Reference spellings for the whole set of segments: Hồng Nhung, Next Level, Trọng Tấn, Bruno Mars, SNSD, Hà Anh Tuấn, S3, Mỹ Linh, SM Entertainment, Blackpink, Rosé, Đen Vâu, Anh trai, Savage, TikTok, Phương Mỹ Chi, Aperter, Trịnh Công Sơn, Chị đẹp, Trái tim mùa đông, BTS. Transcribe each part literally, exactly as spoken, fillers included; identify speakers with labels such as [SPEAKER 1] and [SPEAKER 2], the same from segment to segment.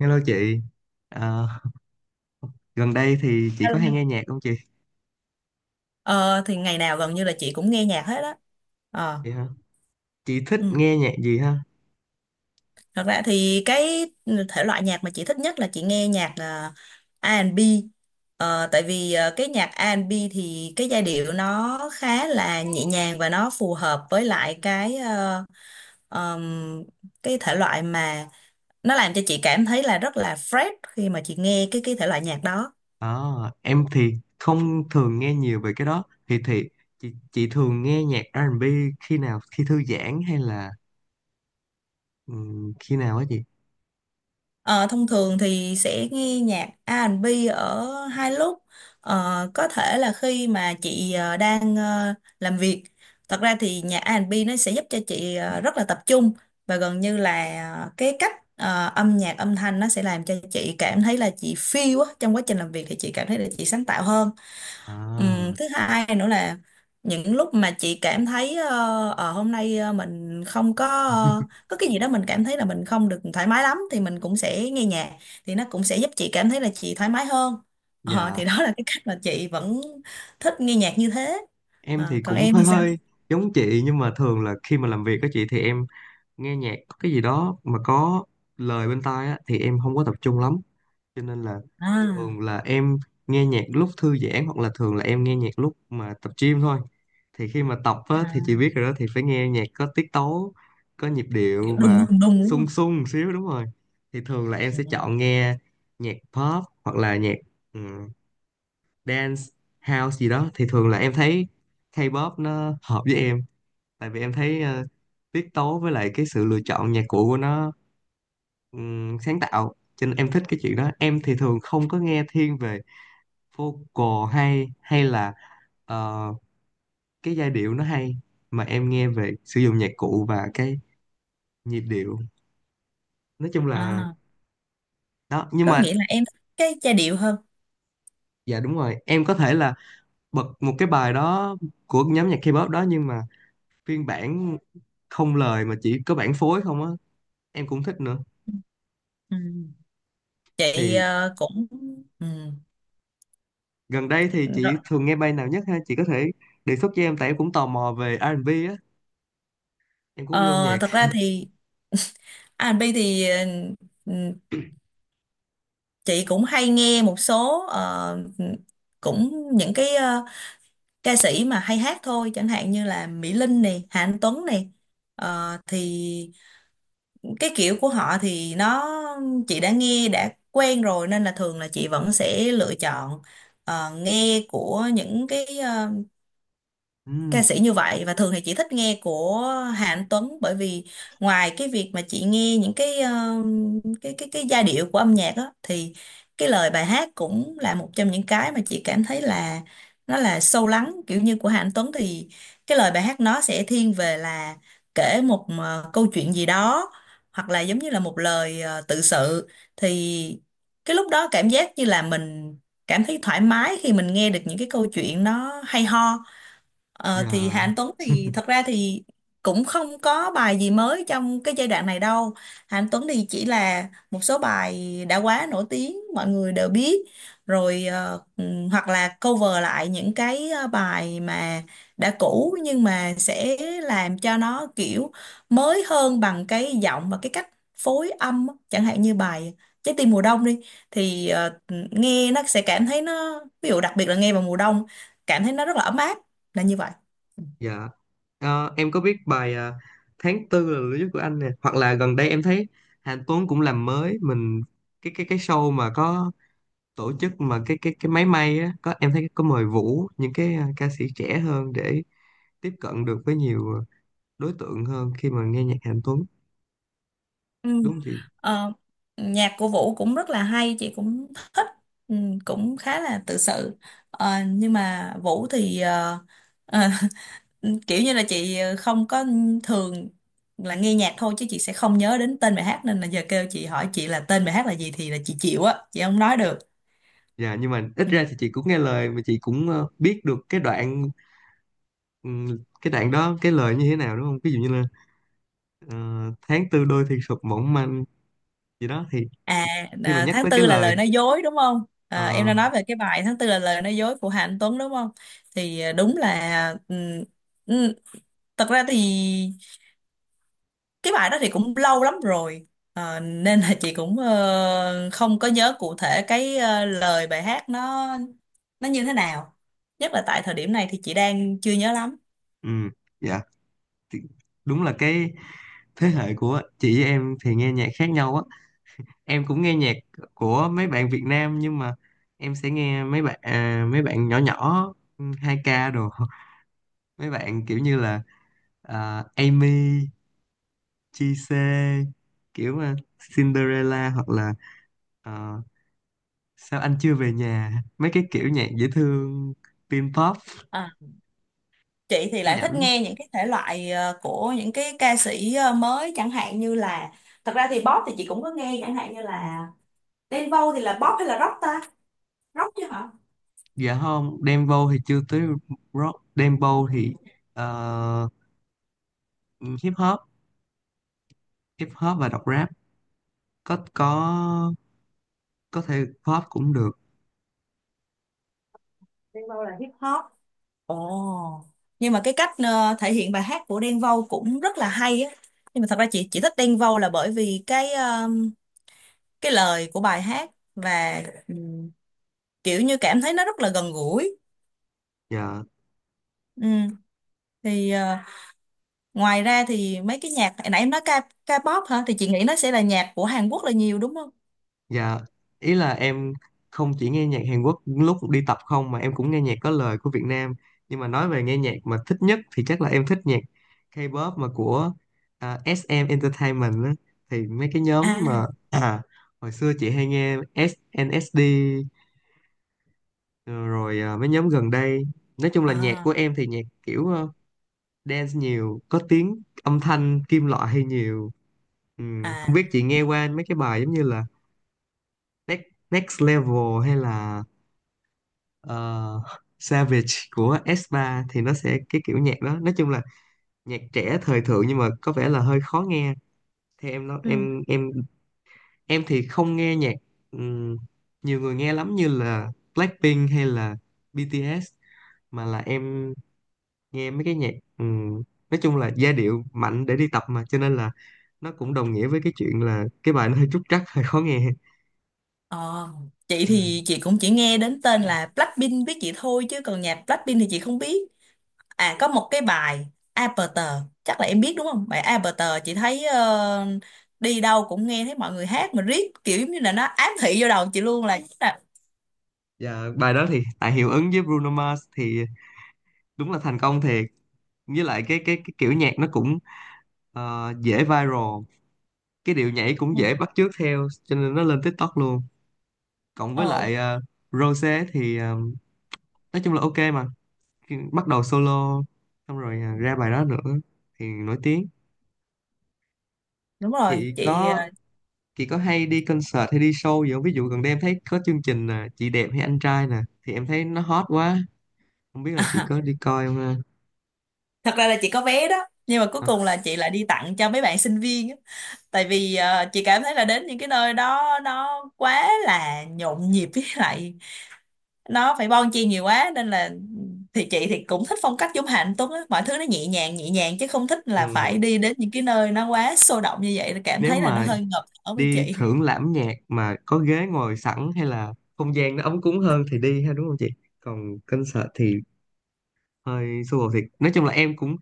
[SPEAKER 1] Hello chị. Ờ, Gần đây thì chị có hay nghe nhạc không chị?
[SPEAKER 2] Ờ, thì ngày nào gần như là chị cũng nghe nhạc hết á. ờ
[SPEAKER 1] Vậy hả? Chị thích
[SPEAKER 2] ừ.
[SPEAKER 1] nghe nhạc gì ha?
[SPEAKER 2] Thật ra thì cái thể loại nhạc mà chị thích nhất là chị nghe nhạc là rờ en bi. Ờ, tại vì ờ, cái nhạc a rờ en bi thì cái giai điệu nó khá là nhẹ nhàng và nó phù hợp với lại cái ờ, ờm, cái thể loại mà nó làm cho chị cảm thấy là rất là fresh khi mà chị nghe cái cái thể loại nhạc đó.
[SPEAKER 1] Ờ, em thì không thường nghe nhiều về cái đó. Thì thì chị, chị thường nghe nhạc a rờ and bi khi nào? Khi thư giãn hay là ừm, khi nào á chị?
[SPEAKER 2] Ờ, Thông thường thì sẽ nghe nhạc A a rờ en bi ở hai lúc. Ờ, có thể là khi mà chị ờ, đang ờ, làm việc. Thật ra thì nhạc A rờ en bi nó sẽ giúp cho chị ờ, rất là tập trung, và gần như là ờ, cái cách ờ, âm nhạc âm thanh nó sẽ làm cho chị cảm thấy là chị feel á, trong quá trình làm việc thì chị cảm thấy là chị sáng tạo hơn. Ừ,
[SPEAKER 1] À,
[SPEAKER 2] thứ hai nữa là những lúc mà chị cảm thấy ờ, ờ, hôm nay ờ, mình không có ờ, có cái gì đó mình cảm thấy là mình không được thoải mái lắm, thì mình cũng sẽ nghe nhạc, thì nó cũng sẽ giúp chị cảm thấy là chị thoải mái hơn. Ờ,
[SPEAKER 1] dạ
[SPEAKER 2] thì đó là cái cách mà chị vẫn thích nghe nhạc như thế.
[SPEAKER 1] em
[SPEAKER 2] Ờ,
[SPEAKER 1] thì
[SPEAKER 2] còn
[SPEAKER 1] cũng
[SPEAKER 2] em
[SPEAKER 1] hơi
[SPEAKER 2] thì sao?
[SPEAKER 1] hơi giống chị, nhưng mà thường là khi mà làm việc á chị thì em nghe nhạc có cái gì đó mà có lời bên tai á thì em không có tập trung lắm. Cho nên là
[SPEAKER 2] à,
[SPEAKER 1] thường là em nghe nhạc lúc thư giãn, hoặc là thường là em nghe nhạc lúc mà tập gym thôi. Thì khi mà tập á, thì
[SPEAKER 2] à
[SPEAKER 1] chị biết rồi đó, thì phải nghe nhạc có tiết tấu, có nhịp
[SPEAKER 2] Kiểu
[SPEAKER 1] điệu
[SPEAKER 2] đùng
[SPEAKER 1] và
[SPEAKER 2] đùng đùng, đúng
[SPEAKER 1] sung
[SPEAKER 2] không?
[SPEAKER 1] sung một xíu, đúng rồi. Thì thường là em
[SPEAKER 2] Ừ.
[SPEAKER 1] sẽ chọn nghe nhạc pop hoặc là nhạc ừm, dance, house gì đó. Thì thường là em thấy K-pop nó hợp với em, tại vì em thấy ờ, tiết tấu với lại cái sự lựa chọn nhạc cụ của nó ừm, sáng tạo, cho nên em thích cái chuyện đó. Em thì thường không có nghe thiên về vocal hay hay là ờ, cái giai điệu nó hay, mà em nghe về sử dụng nhạc cụ và cái nhịp điệu. Nói chung là
[SPEAKER 2] à
[SPEAKER 1] đó. Nhưng
[SPEAKER 2] có
[SPEAKER 1] mà
[SPEAKER 2] nghĩa là em thích cái giai điệu hơn.
[SPEAKER 1] dạ đúng rồi, em có thể là bật một cái bài đó của nhóm nhạc K-pop đó, nhưng mà phiên bản không lời, mà chỉ có bản phối không á, em cũng thích nữa.
[SPEAKER 2] Ừ. Chị
[SPEAKER 1] Thì
[SPEAKER 2] ờ, cũng. Ừ.
[SPEAKER 1] gần đây thì
[SPEAKER 2] Rồi.
[SPEAKER 1] chị thường nghe bài nào nhất ha, chị có thể đề xuất cho em, tại em cũng tò mò về a rờ and bi á, em cũng yêu âm
[SPEAKER 2] Ờ,
[SPEAKER 1] nhạc.
[SPEAKER 2] Thật ra thì À, Bi thì ờ, chị cũng hay nghe một số, ờ, ừ, cũng những cái ờ, ca sĩ mà hay hát thôi, chẳng hạn như là Mỹ Linh này, Hà Anh Tuấn này. Ờ, thì cái kiểu của họ thì nó, chị đã nghe đã quen rồi, nên là thường là chị vẫn sẽ lựa chọn ờ, nghe của những cái ờ, ca
[SPEAKER 1] Ừ.
[SPEAKER 2] sĩ như vậy, và thường thì chị thích nghe của Hà Anh Tuấn, bởi vì ngoài cái việc mà chị nghe những cái ờ, cái cái cái giai điệu của âm nhạc đó, thì cái lời bài hát cũng là một trong những cái mà chị cảm thấy là nó là sâu lắng. Kiểu như của Hà Anh Tuấn thì cái lời bài hát nó sẽ thiên về là kể một ờ, câu chuyện gì đó, hoặc là giống như là một lời ờ, tự sự, thì cái lúc đó cảm giác như là mình cảm thấy thoải mái khi mình nghe được những cái câu chuyện nó hay ho. Ờ, thì Hà
[SPEAKER 1] Dạ.
[SPEAKER 2] Anh Tuấn thì thật ra thì cũng không có bài gì mới trong cái giai đoạn này đâu. Hà Anh Tuấn thì chỉ là một số bài đã quá nổi tiếng, mọi người đều biết. Rồi ờ, ừm, hoặc là cover lại những cái ờ, bài mà đã cũ, nhưng mà sẽ làm cho nó kiểu mới hơn bằng cái giọng và cái cách phối âm á. Chẳng hạn như bài Trái tim mùa đông đi, thì ờ, nghe nó sẽ cảm thấy nó, ví dụ đặc biệt là nghe vào mùa đông, cảm thấy nó rất là ấm áp, là như vậy.
[SPEAKER 1] Dạ. Ờ, em có biết bài à, Tháng Tư là lửa dữ của anh nè, hoặc là gần đây em thấy Hạnh Tuấn cũng làm mới mình cái cái cái show mà có tổ chức, mà cái cái cái máy may á, có em thấy có mời Vũ, những cái à, ca sĩ trẻ hơn để tiếp cận được với nhiều ờ, đối tượng hơn khi mà nghe nhạc Hạnh Tuấn,
[SPEAKER 2] Ừ.
[SPEAKER 1] đúng không chị?
[SPEAKER 2] Ờ, Nhạc của Vũ cũng rất là hay, chị cũng thích, ừ, cũng khá là tự sự. Ờ, nhưng mà Vũ thì ờ, ờ, kiểu như là chị ờ, không có, thường là nghe nhạc thôi chứ chị sẽ không nhớ đến tên bài hát, nên là giờ kêu chị hỏi chị là tên bài hát là gì thì là chị chịu á, chị không nói được.
[SPEAKER 1] Dạ nhưng mà ít
[SPEAKER 2] Ừ.
[SPEAKER 1] ra thì chị cũng nghe lời, mà chị cũng ờ, biết được cái đoạn, ừm, cái đoạn đó cái lời như thế nào, đúng không? Ví dụ như là ờ, tháng tư đôi thì sụp mỏng manh gì đó, thì
[SPEAKER 2] à
[SPEAKER 1] khi mà
[SPEAKER 2] à,
[SPEAKER 1] nhắc
[SPEAKER 2] Tháng
[SPEAKER 1] tới cái
[SPEAKER 2] tư là
[SPEAKER 1] lời.
[SPEAKER 2] lời nói dối, đúng không?
[SPEAKER 1] Ờ,
[SPEAKER 2] Ờ, em đã nói về cái bài Tháng tư là lời nói dối của Hà Anh Tuấn đúng không? Thì ờ, đúng là, ừ, ừ, thật ra thì cái bài đó thì cũng lâu lắm rồi. Ờ, nên là chị cũng ờ, không có nhớ cụ thể cái ờ, lời bài hát nó nó như thế nào, nhất là tại thời điểm này thì chị đang chưa nhớ lắm.
[SPEAKER 1] ừ, dạ. Thì đúng là cái thế hệ của chị với em thì nghe nhạc khác nhau á. Em cũng nghe nhạc của mấy bạn Việt Nam, nhưng mà em sẽ nghe mấy bạn à, mấy bạn nhỏ nhỏ, ừ, hai ca đồ mấy bạn kiểu như là à, Amy, gi xê, kiểu à, Cinderella, hoặc là ờ, sao anh chưa về nhà, mấy cái kiểu nhạc dễ thương, teen pop,
[SPEAKER 2] À, chị thì lại thích
[SPEAKER 1] nhảnh.
[SPEAKER 2] nghe những cái thể loại ờ, của những cái ca sĩ ờ, mới, chẳng hạn như là, thật ra thì pop thì chị cũng có nghe, chẳng hạn như là Đen Vâu thì là pop hay là rock ta, rock chứ hả?
[SPEAKER 1] Dạ không, dembow thì chưa tới. Rock, dembow thì ờ, hip hop, hip hop và đọc rap, có có có thể pop cũng được.
[SPEAKER 2] Đen Vâu là hip hop. Ồ. Nhưng mà cái cách ờ, thể hiện bài hát của Đen Vâu cũng rất là hay á. Nhưng mà thật ra chị chỉ thích Đen Vâu là bởi vì cái ờ, cái lời của bài hát, và ừ, kiểu như cảm thấy nó rất là gần gũi.
[SPEAKER 1] Dạ.
[SPEAKER 2] Ừ. Thì ờ, ngoài ra thì mấy cái nhạc hồi nãy em nói, ca K-pop hả? Thì chị nghĩ nó sẽ là nhạc của Hàn Quốc là nhiều đúng không?
[SPEAKER 1] Dạ ý là em không chỉ nghe nhạc Hàn Quốc lúc đi tập không, mà em cũng nghe nhạc có lời của Việt Nam, nhưng mà nói về nghe nhạc mà thích nhất thì chắc là em thích nhạc K-pop mà của à, ét em Entertainment á. Thì mấy cái nhóm
[SPEAKER 2] À,
[SPEAKER 1] mà à, hồi xưa chị hay nghe ét en ét đê. Ờ, rồi à, mấy nhóm gần đây, nói chung là nhạc
[SPEAKER 2] à,
[SPEAKER 1] của em thì nhạc kiểu ờ, dance nhiều, có tiếng âm thanh kim loại hay nhiều. Ừm, không
[SPEAKER 2] à.
[SPEAKER 1] biết chị nghe qua mấy cái bài giống như là Next, Next Level hay là ờ, Savage của ét ba thì nó sẽ cái kiểu nhạc đó. Nói chung là nhạc trẻ thời thượng nhưng mà có vẻ là hơi khó nghe. Thì em nó
[SPEAKER 2] Ừ.
[SPEAKER 1] em em em thì không nghe nhạc ừm, nhiều người nghe lắm như là Blackpink hay là bê tê ét, mà là em nghe mấy cái nhạc ừm, nói chung là giai điệu mạnh để đi tập, mà cho nên là nó cũng đồng nghĩa với cái chuyện là cái bài nó hơi trúc trắc hơi khó nghe.
[SPEAKER 2] Ờ, chị
[SPEAKER 1] Ừ.
[SPEAKER 2] thì chị cũng chỉ nghe đến tên là Blackpink biết chị thôi, chứ còn nhạc Blackpink thì chị không biết. À có một cái bài Aperter, chắc là em biết đúng không? Bài Aperter chị thấy ờ, đi đâu cũng nghe thấy mọi người hát, mà riết kiểu giống như là nó ám thị vô đầu chị luôn, là chính là
[SPEAKER 1] Và bài đó thì tại hiệu ứng với Bruno Mars thì đúng là thành công thiệt, với lại cái cái, cái kiểu nhạc nó cũng ờ, dễ viral, cái điệu nhảy cũng
[SPEAKER 2] ừ,
[SPEAKER 1] dễ bắt chước theo, cho nên nó lên TikTok luôn, cộng với
[SPEAKER 2] ờ,
[SPEAKER 1] lại ờ, Rosé thì ờ, nói chung là ok mà. Khi bắt đầu solo xong rồi ờ, ra bài đó nữa thì nổi tiếng.
[SPEAKER 2] đúng rồi
[SPEAKER 1] chị
[SPEAKER 2] chị
[SPEAKER 1] có
[SPEAKER 2] à.
[SPEAKER 1] Chị có hay đi concert hay đi show gì không? Ví dụ gần đây em thấy có chương trình à, Chị đẹp hay anh trai nè, thì em thấy nó hot quá. Không biết là chị có đi coi không ha?
[SPEAKER 2] Thật ra là chị có vé đó, nhưng mà cuối
[SPEAKER 1] À,
[SPEAKER 2] cùng là chị lại đi tặng cho mấy bạn sinh viên á. Tại vì ờ, chị cảm thấy là đến những cái nơi đó nó quá là nhộn nhịp, với lại nó phải bon chen nhiều quá, nên là thì chị thì cũng thích phong cách giống Hà Anh Tuấn á, mọi thứ nó nhẹ nhàng nhẹ nhàng, chứ không thích
[SPEAKER 1] ừ.
[SPEAKER 2] là phải đi đến những cái nơi nó quá sôi động như vậy, cảm
[SPEAKER 1] Nếu
[SPEAKER 2] thấy là nó
[SPEAKER 1] mà
[SPEAKER 2] hơi ngợp ở với
[SPEAKER 1] đi
[SPEAKER 2] chị.
[SPEAKER 1] thưởng lãm nhạc mà có ghế ngồi sẵn hay là không gian nó ấm cúng hơn thì đi ha, đúng không chị? Còn concert thì hơi xô bồ thiệt. Nói chung là em cũng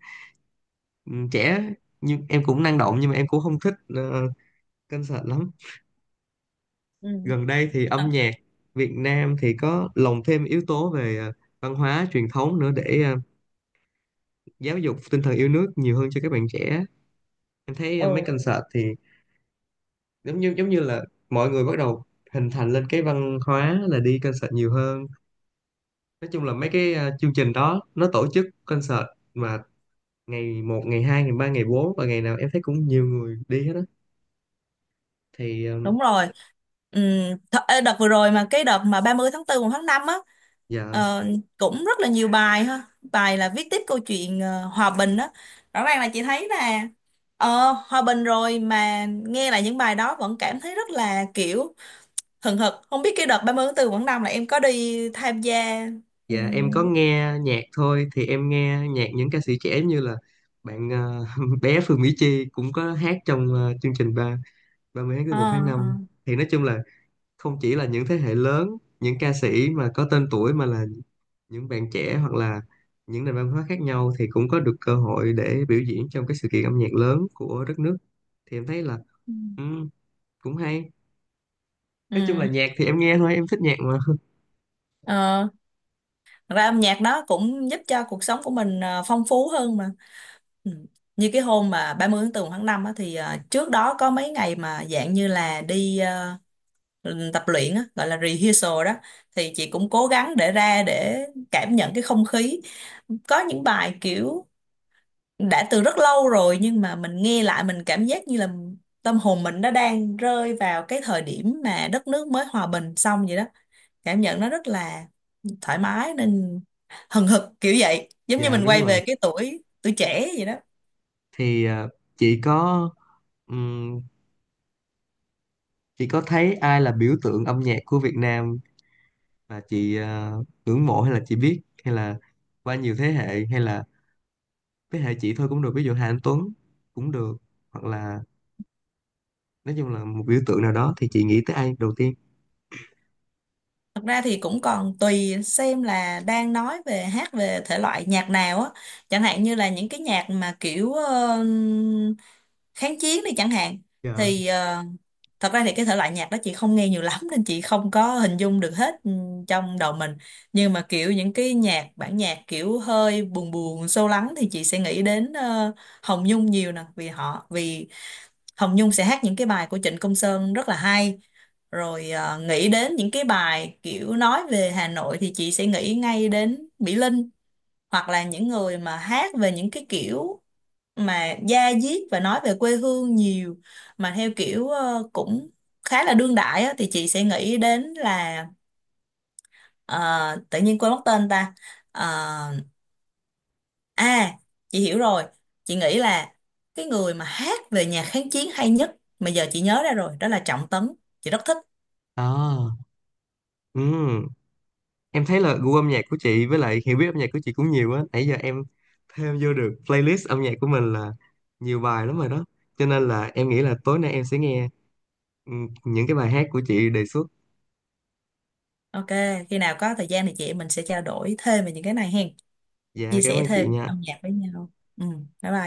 [SPEAKER 1] ừ, trẻ, nhưng em cũng năng động, nhưng mà em cũng không thích ờ, concert lắm.
[SPEAKER 2] Ừ.
[SPEAKER 1] Gần đây thì âm
[SPEAKER 2] Ờ,
[SPEAKER 1] nhạc Việt Nam thì có lồng thêm yếu tố về ờ, văn hóa truyền thống nữa để ờ, giáo dục tinh thần yêu nước nhiều hơn cho các bạn trẻ. Em thấy ờ, mấy
[SPEAKER 2] ừ
[SPEAKER 1] concert thì giống như giống như là mọi người bắt đầu hình thành lên cái văn hóa là đi concert nhiều hơn. Nói chung là mấy cái ờ, chương trình đó nó tổ chức concert mà ngày một, ngày hai, ngày ba, ngày bốn, và ngày nào em thấy cũng nhiều người đi hết á. Thì ờ,
[SPEAKER 2] đúng rồi. ừ, th- ê, Đợt vừa rồi, mà cái đợt mà ba mươi tháng tư, một tháng năm á,
[SPEAKER 1] dạ.
[SPEAKER 2] ờ, cũng rất là nhiều bài ha, bài là viết tiếp câu chuyện ờ, hòa bình á, rõ ràng là chị thấy là ờ, hòa bình rồi mà nghe lại những bài đó vẫn cảm thấy rất là kiểu hừng hực. Không biết cái đợt ba mươi tháng tư Quảng Đông là em có đi tham gia? ừ,
[SPEAKER 1] Dạ em có nghe nhạc thôi, thì em nghe nhạc những ca sĩ trẻ như là bạn ờ, bé Phương Mỹ Chi cũng có hát trong ờ, chương trình ba ba mươi tháng tư,
[SPEAKER 2] ờ
[SPEAKER 1] một tháng
[SPEAKER 2] ờ.
[SPEAKER 1] năm. Thì nói chung là không chỉ là những thế hệ lớn, những ca sĩ mà có tên tuổi, mà là những bạn trẻ, hoặc là những nền văn hóa khác nhau thì cũng có được cơ hội để biểu diễn trong cái sự kiện âm nhạc lớn của đất nước. Thì em thấy là
[SPEAKER 2] Ừ.
[SPEAKER 1] ừ, cũng hay. Nói chung là
[SPEAKER 2] Ừ.
[SPEAKER 1] nhạc thì em nghe thôi, em thích nhạc mà
[SPEAKER 2] ờ, Thật ra âm nhạc nó cũng giúp cho cuộc sống của mình ờ, phong phú hơn mà. Ừ. Như cái hôm mà ba mươi tháng tư tháng năm á, thì ờ, trước đó có mấy ngày mà dạng như là đi ờ, tập luyện á, gọi là rehearsal đó, thì chị cũng cố gắng để ra để cảm nhận cái không khí. Có những bài kiểu đã từ rất lâu rồi nhưng mà mình nghe lại, mình cảm giác như là tâm hồn mình nó đang rơi vào cái thời điểm mà đất nước mới hòa bình xong vậy đó. Cảm nhận nó rất là thoải mái, nên hừng hực kiểu vậy, giống như
[SPEAKER 1] dạ
[SPEAKER 2] mình
[SPEAKER 1] đúng
[SPEAKER 2] quay
[SPEAKER 1] rồi.
[SPEAKER 2] về cái tuổi tuổi trẻ vậy đó.
[SPEAKER 1] Thì à, chị có ừm, chị có thấy ai là biểu tượng âm nhạc của Việt Nam mà chị à, ngưỡng mộ, hay là chị biết, hay là qua nhiều thế hệ, hay là thế hệ chị thôi cũng được, ví dụ Hà Anh Tuấn cũng được, hoặc là nói chung là một biểu tượng nào đó, thì chị nghĩ tới ai đầu tiên?
[SPEAKER 2] Thật ra thì cũng còn tùy xem là đang nói về hát, về thể loại nhạc nào á. Chẳng hạn như là những cái nhạc mà kiểu ờ, kháng chiến đi chẳng hạn.
[SPEAKER 1] Dạ.
[SPEAKER 2] Thì ờ, thật ra thì cái thể loại nhạc đó chị không nghe nhiều lắm, nên chị không có hình dung được hết ừ, trong đầu mình. Nhưng mà kiểu những cái nhạc, bản nhạc kiểu hơi buồn buồn, sâu lắng, thì chị sẽ nghĩ đến ờ, Hồng Nhung nhiều nè. Vì họ, vì Hồng Nhung sẽ hát những cái bài của Trịnh Công Sơn rất là hay. Rồi ờ, nghĩ đến những cái bài kiểu nói về Hà Nội thì chị sẽ nghĩ ngay đến Mỹ Linh, hoặc là những người mà hát về những cái kiểu mà da diết và nói về quê hương nhiều, mà theo kiểu ờ, cũng khá là đương đại á, thì chị sẽ nghĩ đến là, ờ, tự nhiên quên mất tên ta. Ờ, À, chị hiểu rồi. Chị nghĩ là cái người mà hát về nhạc kháng chiến hay nhất mà giờ chị nhớ ra rồi, đó là Trọng Tấn. Chị rất thích.
[SPEAKER 1] À. Ừm. Em thấy là gu âm nhạc của chị với lại hiểu biết âm nhạc của chị cũng nhiều á, nãy giờ em thêm vô được playlist âm nhạc của mình là nhiều bài lắm rồi đó, cho nên là em nghĩ là tối nay em sẽ nghe ừm, những cái bài hát của chị đề xuất.
[SPEAKER 2] Ok, khi nào có thời gian thì chị em mình sẽ trao đổi thêm về những cái này hen.
[SPEAKER 1] Dạ
[SPEAKER 2] Chia
[SPEAKER 1] cảm
[SPEAKER 2] sẻ
[SPEAKER 1] ơn chị
[SPEAKER 2] thêm
[SPEAKER 1] nha.
[SPEAKER 2] âm nhạc với nhau. Ừ, bye bye.